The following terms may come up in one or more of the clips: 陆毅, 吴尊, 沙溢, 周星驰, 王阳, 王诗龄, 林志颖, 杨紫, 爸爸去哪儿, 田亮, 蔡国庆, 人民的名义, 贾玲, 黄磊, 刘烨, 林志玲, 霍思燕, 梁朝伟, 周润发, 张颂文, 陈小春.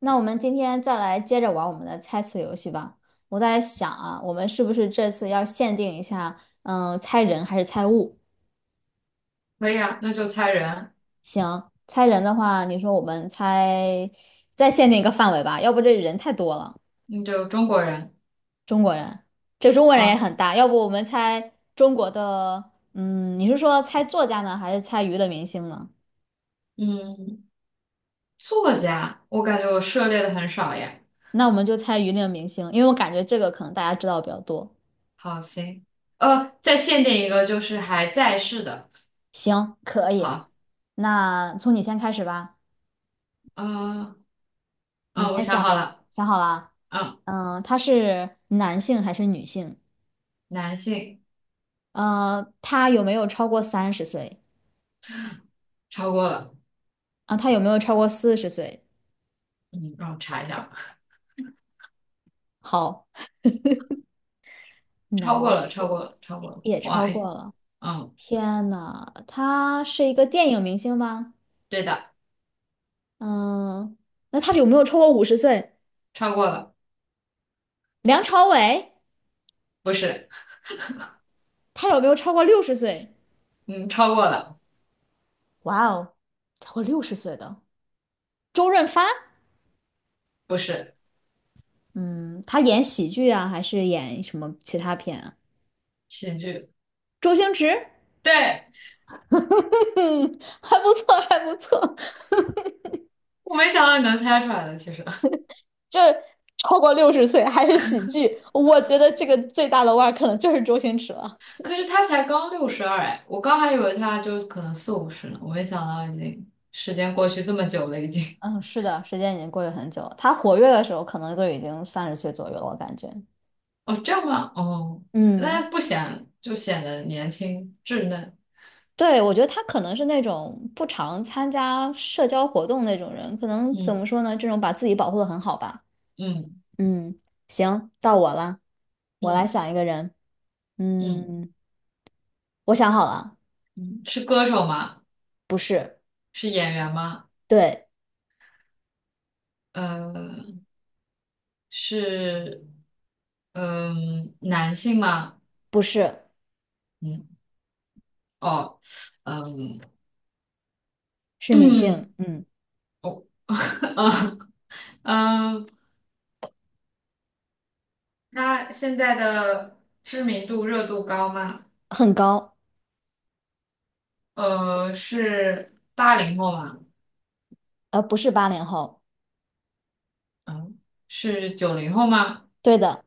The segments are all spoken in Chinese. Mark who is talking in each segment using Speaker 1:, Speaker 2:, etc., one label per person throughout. Speaker 1: 那我们今天再来接着玩我们的猜词游戏吧。我在想啊，我们是不是这次要限定一下，猜人还是猜物？
Speaker 2: 可以啊，那就猜人，
Speaker 1: 行，猜人的话，你说我们猜，再限定一个范围吧，要不这人太多了。
Speaker 2: 那就中国人
Speaker 1: 中国人，这中国人也
Speaker 2: 啊。
Speaker 1: 很大，要不我们猜中国的，你是说猜作家呢，还是猜娱乐明星呢？
Speaker 2: 嗯，作家，我感觉我涉猎的很少耶。
Speaker 1: 那我们就猜娱乐明星，因为我感觉这个可能大家知道比较多。
Speaker 2: 好，行，再限定一个，就是还在世的。
Speaker 1: 行，可以，
Speaker 2: 好，
Speaker 1: 那从你先开始吧。
Speaker 2: 呃，
Speaker 1: 你
Speaker 2: 我
Speaker 1: 先
Speaker 2: 想
Speaker 1: 想
Speaker 2: 好
Speaker 1: 一个，
Speaker 2: 了。
Speaker 1: 想好了啊？
Speaker 2: 嗯，
Speaker 1: 他是男性还是女性？
Speaker 2: 男性。
Speaker 1: 他有没有超过三十岁？
Speaker 2: 超过了。
Speaker 1: 啊、他有没有超过四十岁？
Speaker 2: 嗯，让我查一下吧。
Speaker 1: 好，
Speaker 2: 超过
Speaker 1: 男性
Speaker 2: 了，超过了，超过了，
Speaker 1: 也
Speaker 2: 不好
Speaker 1: 超
Speaker 2: 意思。
Speaker 1: 过了。
Speaker 2: 嗯，
Speaker 1: 天呐，他是一个电影明星吗？
Speaker 2: 对的。
Speaker 1: 嗯，那他有没有超过50岁？
Speaker 2: 超过了。
Speaker 1: 梁朝伟，
Speaker 2: 不是。
Speaker 1: 他有没有超过六十岁？
Speaker 2: 嗯，超过了。
Speaker 1: 哇哦，超过六十岁的周润发，
Speaker 2: 不是。
Speaker 1: 嗯，他演喜剧啊，还是演什么其他片啊？
Speaker 2: 喜剧。
Speaker 1: 周星驰。
Speaker 2: 对，
Speaker 1: 嗯，还不错，还不错，
Speaker 2: 我没想到你能猜出来的，其实。
Speaker 1: 就是超过六十岁还是喜剧，我觉得这个最大的腕儿可能就是周星驰了。
Speaker 2: 可是他才刚62哎，我刚还以为他就可能四五十呢，我没想到已经时间过去这么久了，已经。
Speaker 1: 嗯，是的，时间已经过去很久了。他活跃的时候，可能都已经三十岁左右了，我感觉。
Speaker 2: 哦，这样吗？哦，
Speaker 1: 嗯，
Speaker 2: 那不显就显得年轻稚嫩。
Speaker 1: 对，我觉得他可能是那种不常参加社交活动那种人，可能怎么
Speaker 2: 嗯
Speaker 1: 说呢？这种把自己保护的很好吧。
Speaker 2: 嗯
Speaker 1: 嗯，行，到我了，我来
Speaker 2: 嗯
Speaker 1: 想一个人。
Speaker 2: 嗯
Speaker 1: 嗯，我想好了，
Speaker 2: 嗯。是歌手吗？
Speaker 1: 不是，
Speaker 2: 是演员吗？
Speaker 1: 对，
Speaker 2: 呃，是男性吗？
Speaker 1: 不是。
Speaker 2: 嗯。哦。呃
Speaker 1: 是女性，
Speaker 2: 嗯。 哦。 嗯嗯，他现在的知名度热度高吗？
Speaker 1: 很高，
Speaker 2: 是八零后吗？
Speaker 1: 不是80后，
Speaker 2: 嗯，是九零后吗？
Speaker 1: 对的，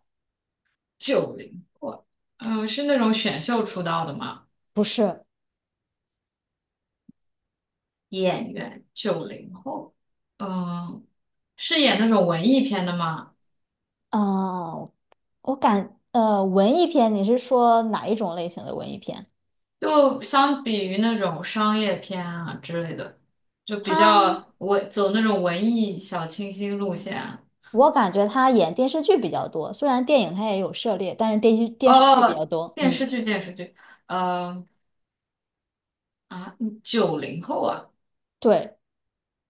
Speaker 2: 九零是那种选秀出道的吗？
Speaker 1: 不是，
Speaker 2: 演员，九零后。嗯、是演那种文艺片的吗？
Speaker 1: 呃，文艺片，你是说哪一种类型的文艺片？
Speaker 2: 就相比于那种商业片啊之类的，就
Speaker 1: 他，
Speaker 2: 比较文走那种文艺小清新路线啊。
Speaker 1: 我感觉他演电视剧比较多，虽然电影他也有涉猎，但是电视电
Speaker 2: 哦，
Speaker 1: 视剧
Speaker 2: 哦
Speaker 1: 比较
Speaker 2: 哦
Speaker 1: 多，
Speaker 2: 电视剧电视剧。呃啊，九零后啊。
Speaker 1: 对，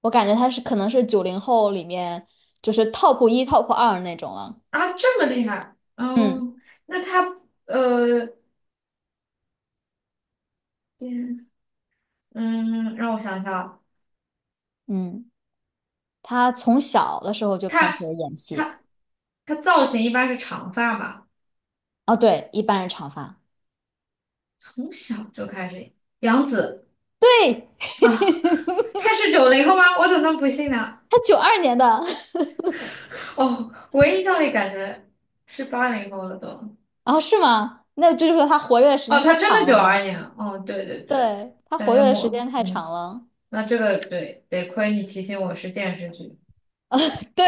Speaker 1: 我感觉他是可能是90后里面就是 top 一、top 二那种了，
Speaker 2: 啊，这么厉害。
Speaker 1: 嗯
Speaker 2: 嗯，那他呃嗯，嗯让我想想。
Speaker 1: 嗯，他从小的时候就开始
Speaker 2: 他
Speaker 1: 演戏，
Speaker 2: 他他造型一般是长发吧，
Speaker 1: 哦，对，一般是长发，
Speaker 2: 从小就开始。杨紫
Speaker 1: 对，
Speaker 2: 啊 他是九零后吗？我怎么能不信呢？
Speaker 1: 他92年的。
Speaker 2: 哦，我印象里感觉是八零后了都。
Speaker 1: 啊，是吗？那这就是说他活跃的时
Speaker 2: 哦，
Speaker 1: 间太
Speaker 2: 他真
Speaker 1: 长
Speaker 2: 的
Speaker 1: 了
Speaker 2: 九
Speaker 1: 吗？
Speaker 2: 二年啊。哦，对对对。
Speaker 1: 对，他
Speaker 2: 感
Speaker 1: 活跃
Speaker 2: 觉
Speaker 1: 的时
Speaker 2: 我
Speaker 1: 间太
Speaker 2: 嗯，
Speaker 1: 长了。
Speaker 2: 那这个对，得亏你提醒我是电视剧。
Speaker 1: 对，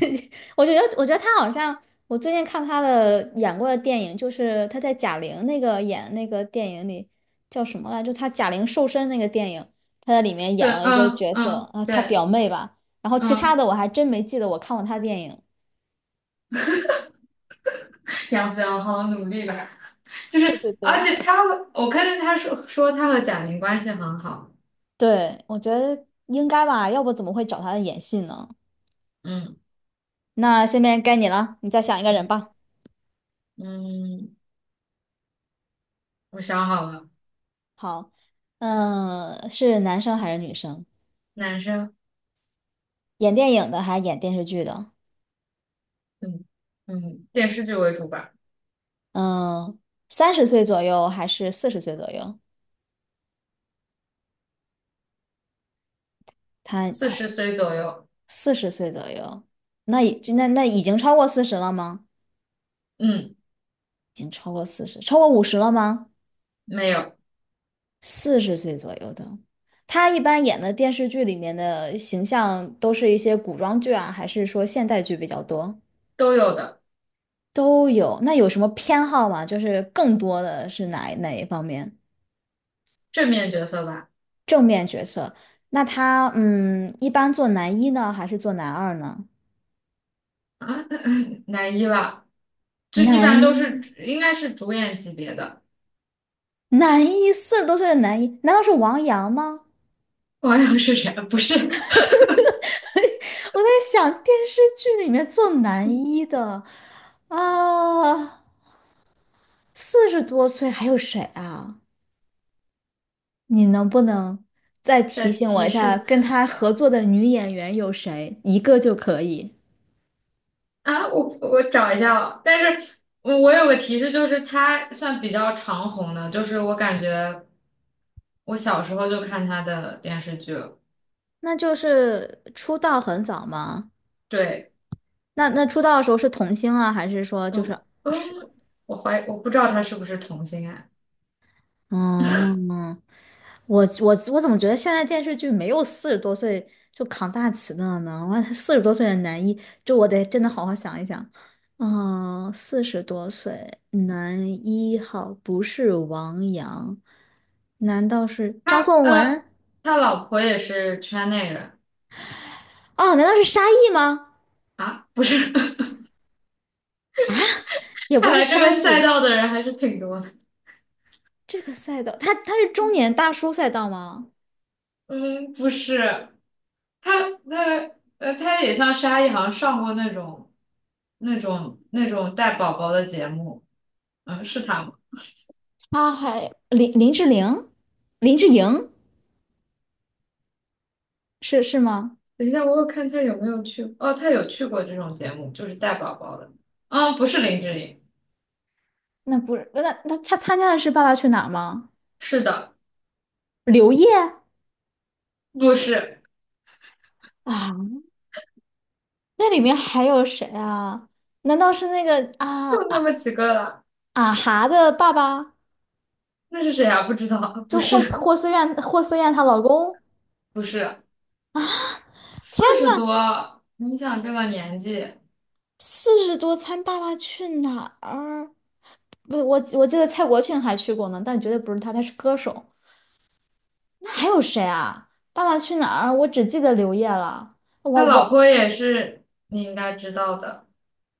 Speaker 1: 我觉得，我觉得他好像，我最近看他的演过的电影，就是他在贾玲那个演那个电影里叫什么来着就他贾玲瘦身那个电影，他在里面演
Speaker 2: 对，
Speaker 1: 了一个
Speaker 2: 嗯
Speaker 1: 角色
Speaker 2: 嗯，
Speaker 1: 啊，他表
Speaker 2: 对。
Speaker 1: 妹吧。然后其他
Speaker 2: 嗯，
Speaker 1: 的我还真没记得我看过他的电影。
Speaker 2: 杨紫要好好努力吧。就是，
Speaker 1: 对对
Speaker 2: 而
Speaker 1: 对，
Speaker 2: 且他会我看见他说他和贾玲关系很好。
Speaker 1: 对，我觉得应该吧，要不怎么会找他演戏呢？
Speaker 2: 嗯
Speaker 1: 那下面该你了，你再想一个人
Speaker 2: 嗯
Speaker 1: 吧。
Speaker 2: 嗯，我想好了。
Speaker 1: 好，是男生还是女生？
Speaker 2: 男生。
Speaker 1: 演电影的还是演电视剧的？
Speaker 2: 嗯电视剧为主吧。
Speaker 1: 嗯，三十岁左右还是四十岁左右？他
Speaker 2: 四
Speaker 1: 他
Speaker 2: 十岁左右。
Speaker 1: 四十岁左右，那已经超过四十了吗？
Speaker 2: 嗯，
Speaker 1: 已经超过四十，超过五十了吗？
Speaker 2: 没有。
Speaker 1: 四十岁左右的，他一般演的电视剧里面的形象都是一些古装剧啊，还是说现代剧比较多？
Speaker 2: 都有的。
Speaker 1: 都有。那有什么偏好吗？就是更多的是哪一方面？
Speaker 2: 正面角色吧。
Speaker 1: 那他一般做男一呢，还是做男二呢？
Speaker 2: 啊，男一吧，这一
Speaker 1: 男
Speaker 2: 般都是
Speaker 1: 一，
Speaker 2: 应该是主演级别的。
Speaker 1: 男一，四十多岁的男一，难道是王阳吗？
Speaker 2: 网友是谁？不是。
Speaker 1: 我在想电视剧里面做男一的啊，四十多岁还有谁啊？你能不能再
Speaker 2: 再
Speaker 1: 提醒我
Speaker 2: 提
Speaker 1: 一下，
Speaker 2: 示，
Speaker 1: 跟他合作的女演员有谁？一个就可以。
Speaker 2: 啊，我找一下哦，但是我有个提示，就是他算比较长红的，就是我感觉我小时候就看他的电视剧了。
Speaker 1: 那就是出道很早吗？
Speaker 2: 对。
Speaker 1: 那那出道的时候是童星啊，还是说就是
Speaker 2: 不。嗯，
Speaker 1: 是
Speaker 2: 我怀疑我不知道他是不是同性恋。
Speaker 1: 嗯，我怎么觉得现在电视剧没有四十多岁就扛大旗的了呢？我四十多岁的男一，就我得真的好好想一想。四十多岁男一号不是王阳，难道是张
Speaker 2: 他
Speaker 1: 颂文？
Speaker 2: 呃，他老婆也是圈内人。
Speaker 1: 哦，难道是沙溢吗？
Speaker 2: 啊，不是？
Speaker 1: 也不
Speaker 2: 看
Speaker 1: 是
Speaker 2: 来这个
Speaker 1: 沙
Speaker 2: 赛
Speaker 1: 溢，
Speaker 2: 道的人还是挺多的。
Speaker 1: 这个赛道，他是中年大叔赛道吗？
Speaker 2: 嗯，不是。他他他也像沙溢，好像上过那种带宝宝的节目。嗯，是他吗？
Speaker 1: 他还林志玲、林志颖是是吗？
Speaker 2: 等一下，我有看他有没有去，哦，他有去过这种节目，就是带宝宝的。不是林志颖。
Speaker 1: 那不是。那他参加的是《爸爸去哪儿》吗？
Speaker 2: 是的。
Speaker 1: 刘烨
Speaker 2: 不是，
Speaker 1: 啊，那里面还有谁啊？难道是那个
Speaker 2: 就那么几个了。
Speaker 1: 啊哈的爸爸？
Speaker 2: 那是谁啊？不知道。不
Speaker 1: 就
Speaker 2: 是。
Speaker 1: 霍思燕她老公？
Speaker 2: 不是，
Speaker 1: 天
Speaker 2: 四十
Speaker 1: 啊，
Speaker 2: 多，你想这个年纪，
Speaker 1: 四十多参《爸爸去哪儿》，不，我记得蔡国庆还去过呢，但绝对不是他，他是歌手。那还有谁啊？《爸爸去哪儿》，我只记得刘烨了。
Speaker 2: 他
Speaker 1: 王
Speaker 2: 老
Speaker 1: 王
Speaker 2: 婆也是，你应该知道的。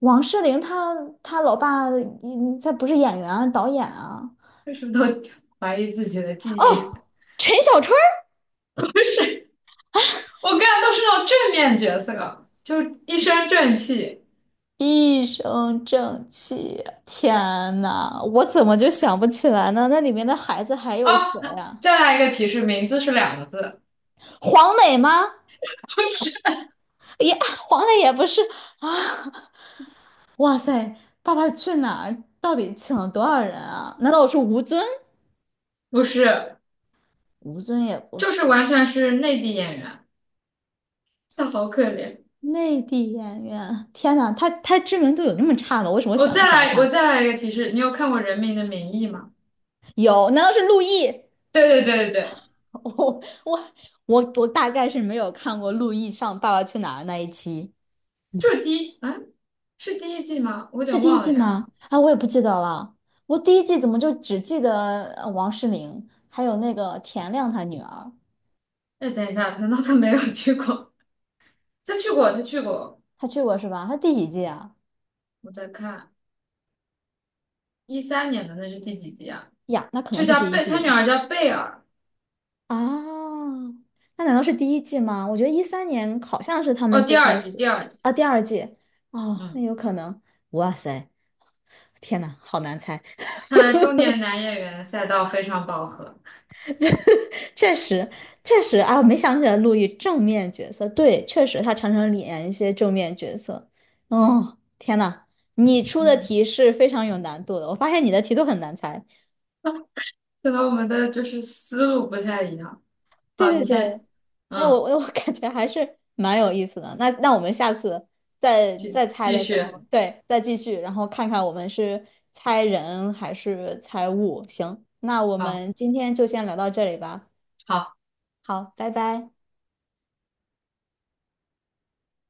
Speaker 1: 王诗龄她老爸，他不是演员啊，导演啊。
Speaker 2: 为什么都 怀疑自己的记忆？
Speaker 1: 哦，陈小春儿
Speaker 2: 不是，我干的都是那种正面角色，就一身正气。
Speaker 1: 一身正气。天呐，我怎么就想不起来呢？那里面的孩子还
Speaker 2: 哦，
Speaker 1: 有谁呀、
Speaker 2: 再来一个提示，名字是两个字。
Speaker 1: 黄磊吗？也黄磊也不是啊！哇塞，《爸爸去哪儿》到底请了多少人啊？难道我是吴尊？
Speaker 2: 不是。
Speaker 1: 吴尊也不
Speaker 2: 就是
Speaker 1: 是
Speaker 2: 完全是内地演员。他好可怜。
Speaker 1: 内地演员。天呐，他知名度有那么差吗？为什么我想不起来
Speaker 2: 我
Speaker 1: 他？
Speaker 2: 再来一个提示。你有看过《人民的名义》吗？
Speaker 1: 有，难道是陆毅？
Speaker 2: 对对对对对。
Speaker 1: 我我我大概是没有看过陆毅上《爸爸去哪儿》那一期，
Speaker 2: 就是第一，啊，是第一季吗？我有
Speaker 1: 是
Speaker 2: 点
Speaker 1: 第一
Speaker 2: 忘
Speaker 1: 季
Speaker 2: 了呀。
Speaker 1: 吗？啊，我也不记得了。我第一季怎么就只记得王诗龄，还有那个田亮他女儿，
Speaker 2: 哎，等一下，难道他没有去过？他去过，他去过。
Speaker 1: 他去过是吧？他第几季啊？
Speaker 2: 我在看13年的，那是第几集啊？
Speaker 1: 呀，那可
Speaker 2: 这
Speaker 1: 能是
Speaker 2: 叫
Speaker 1: 第一
Speaker 2: 贝，他女
Speaker 1: 季
Speaker 2: 儿叫贝尔。
Speaker 1: 啊。那难道是第一季吗？我觉得13年好像是他
Speaker 2: 哦，
Speaker 1: 们最
Speaker 2: 第
Speaker 1: 开
Speaker 2: 二季，
Speaker 1: 始
Speaker 2: 第二季。
Speaker 1: 啊，第二季哦，那
Speaker 2: 嗯，
Speaker 1: 有可能。哇塞，天呐，好难猜。
Speaker 2: 看来中年男演员赛道非常饱和。
Speaker 1: 确实，确实啊，没想起来陆毅正面角色，对，确实他常常演一些正面角色。哦，天呐，你出的
Speaker 2: 嗯，
Speaker 1: 题是非常有难度的，我发现你的题都很难猜。
Speaker 2: 可能我们的就是思路不太一样。
Speaker 1: 对
Speaker 2: 好，
Speaker 1: 对
Speaker 2: 你
Speaker 1: 对，
Speaker 2: 先。
Speaker 1: 那我
Speaker 2: 嗯，
Speaker 1: 我我 感觉还是蛮有意思的。那我们下次再
Speaker 2: 继
Speaker 1: 再猜
Speaker 2: 继
Speaker 1: 的时候，
Speaker 2: 续。
Speaker 1: 对，再继续，然后看看我们是猜人还是猜物。行，那我
Speaker 2: 好
Speaker 1: 们今天就先聊到这里吧。
Speaker 2: 好。
Speaker 1: 好，拜拜。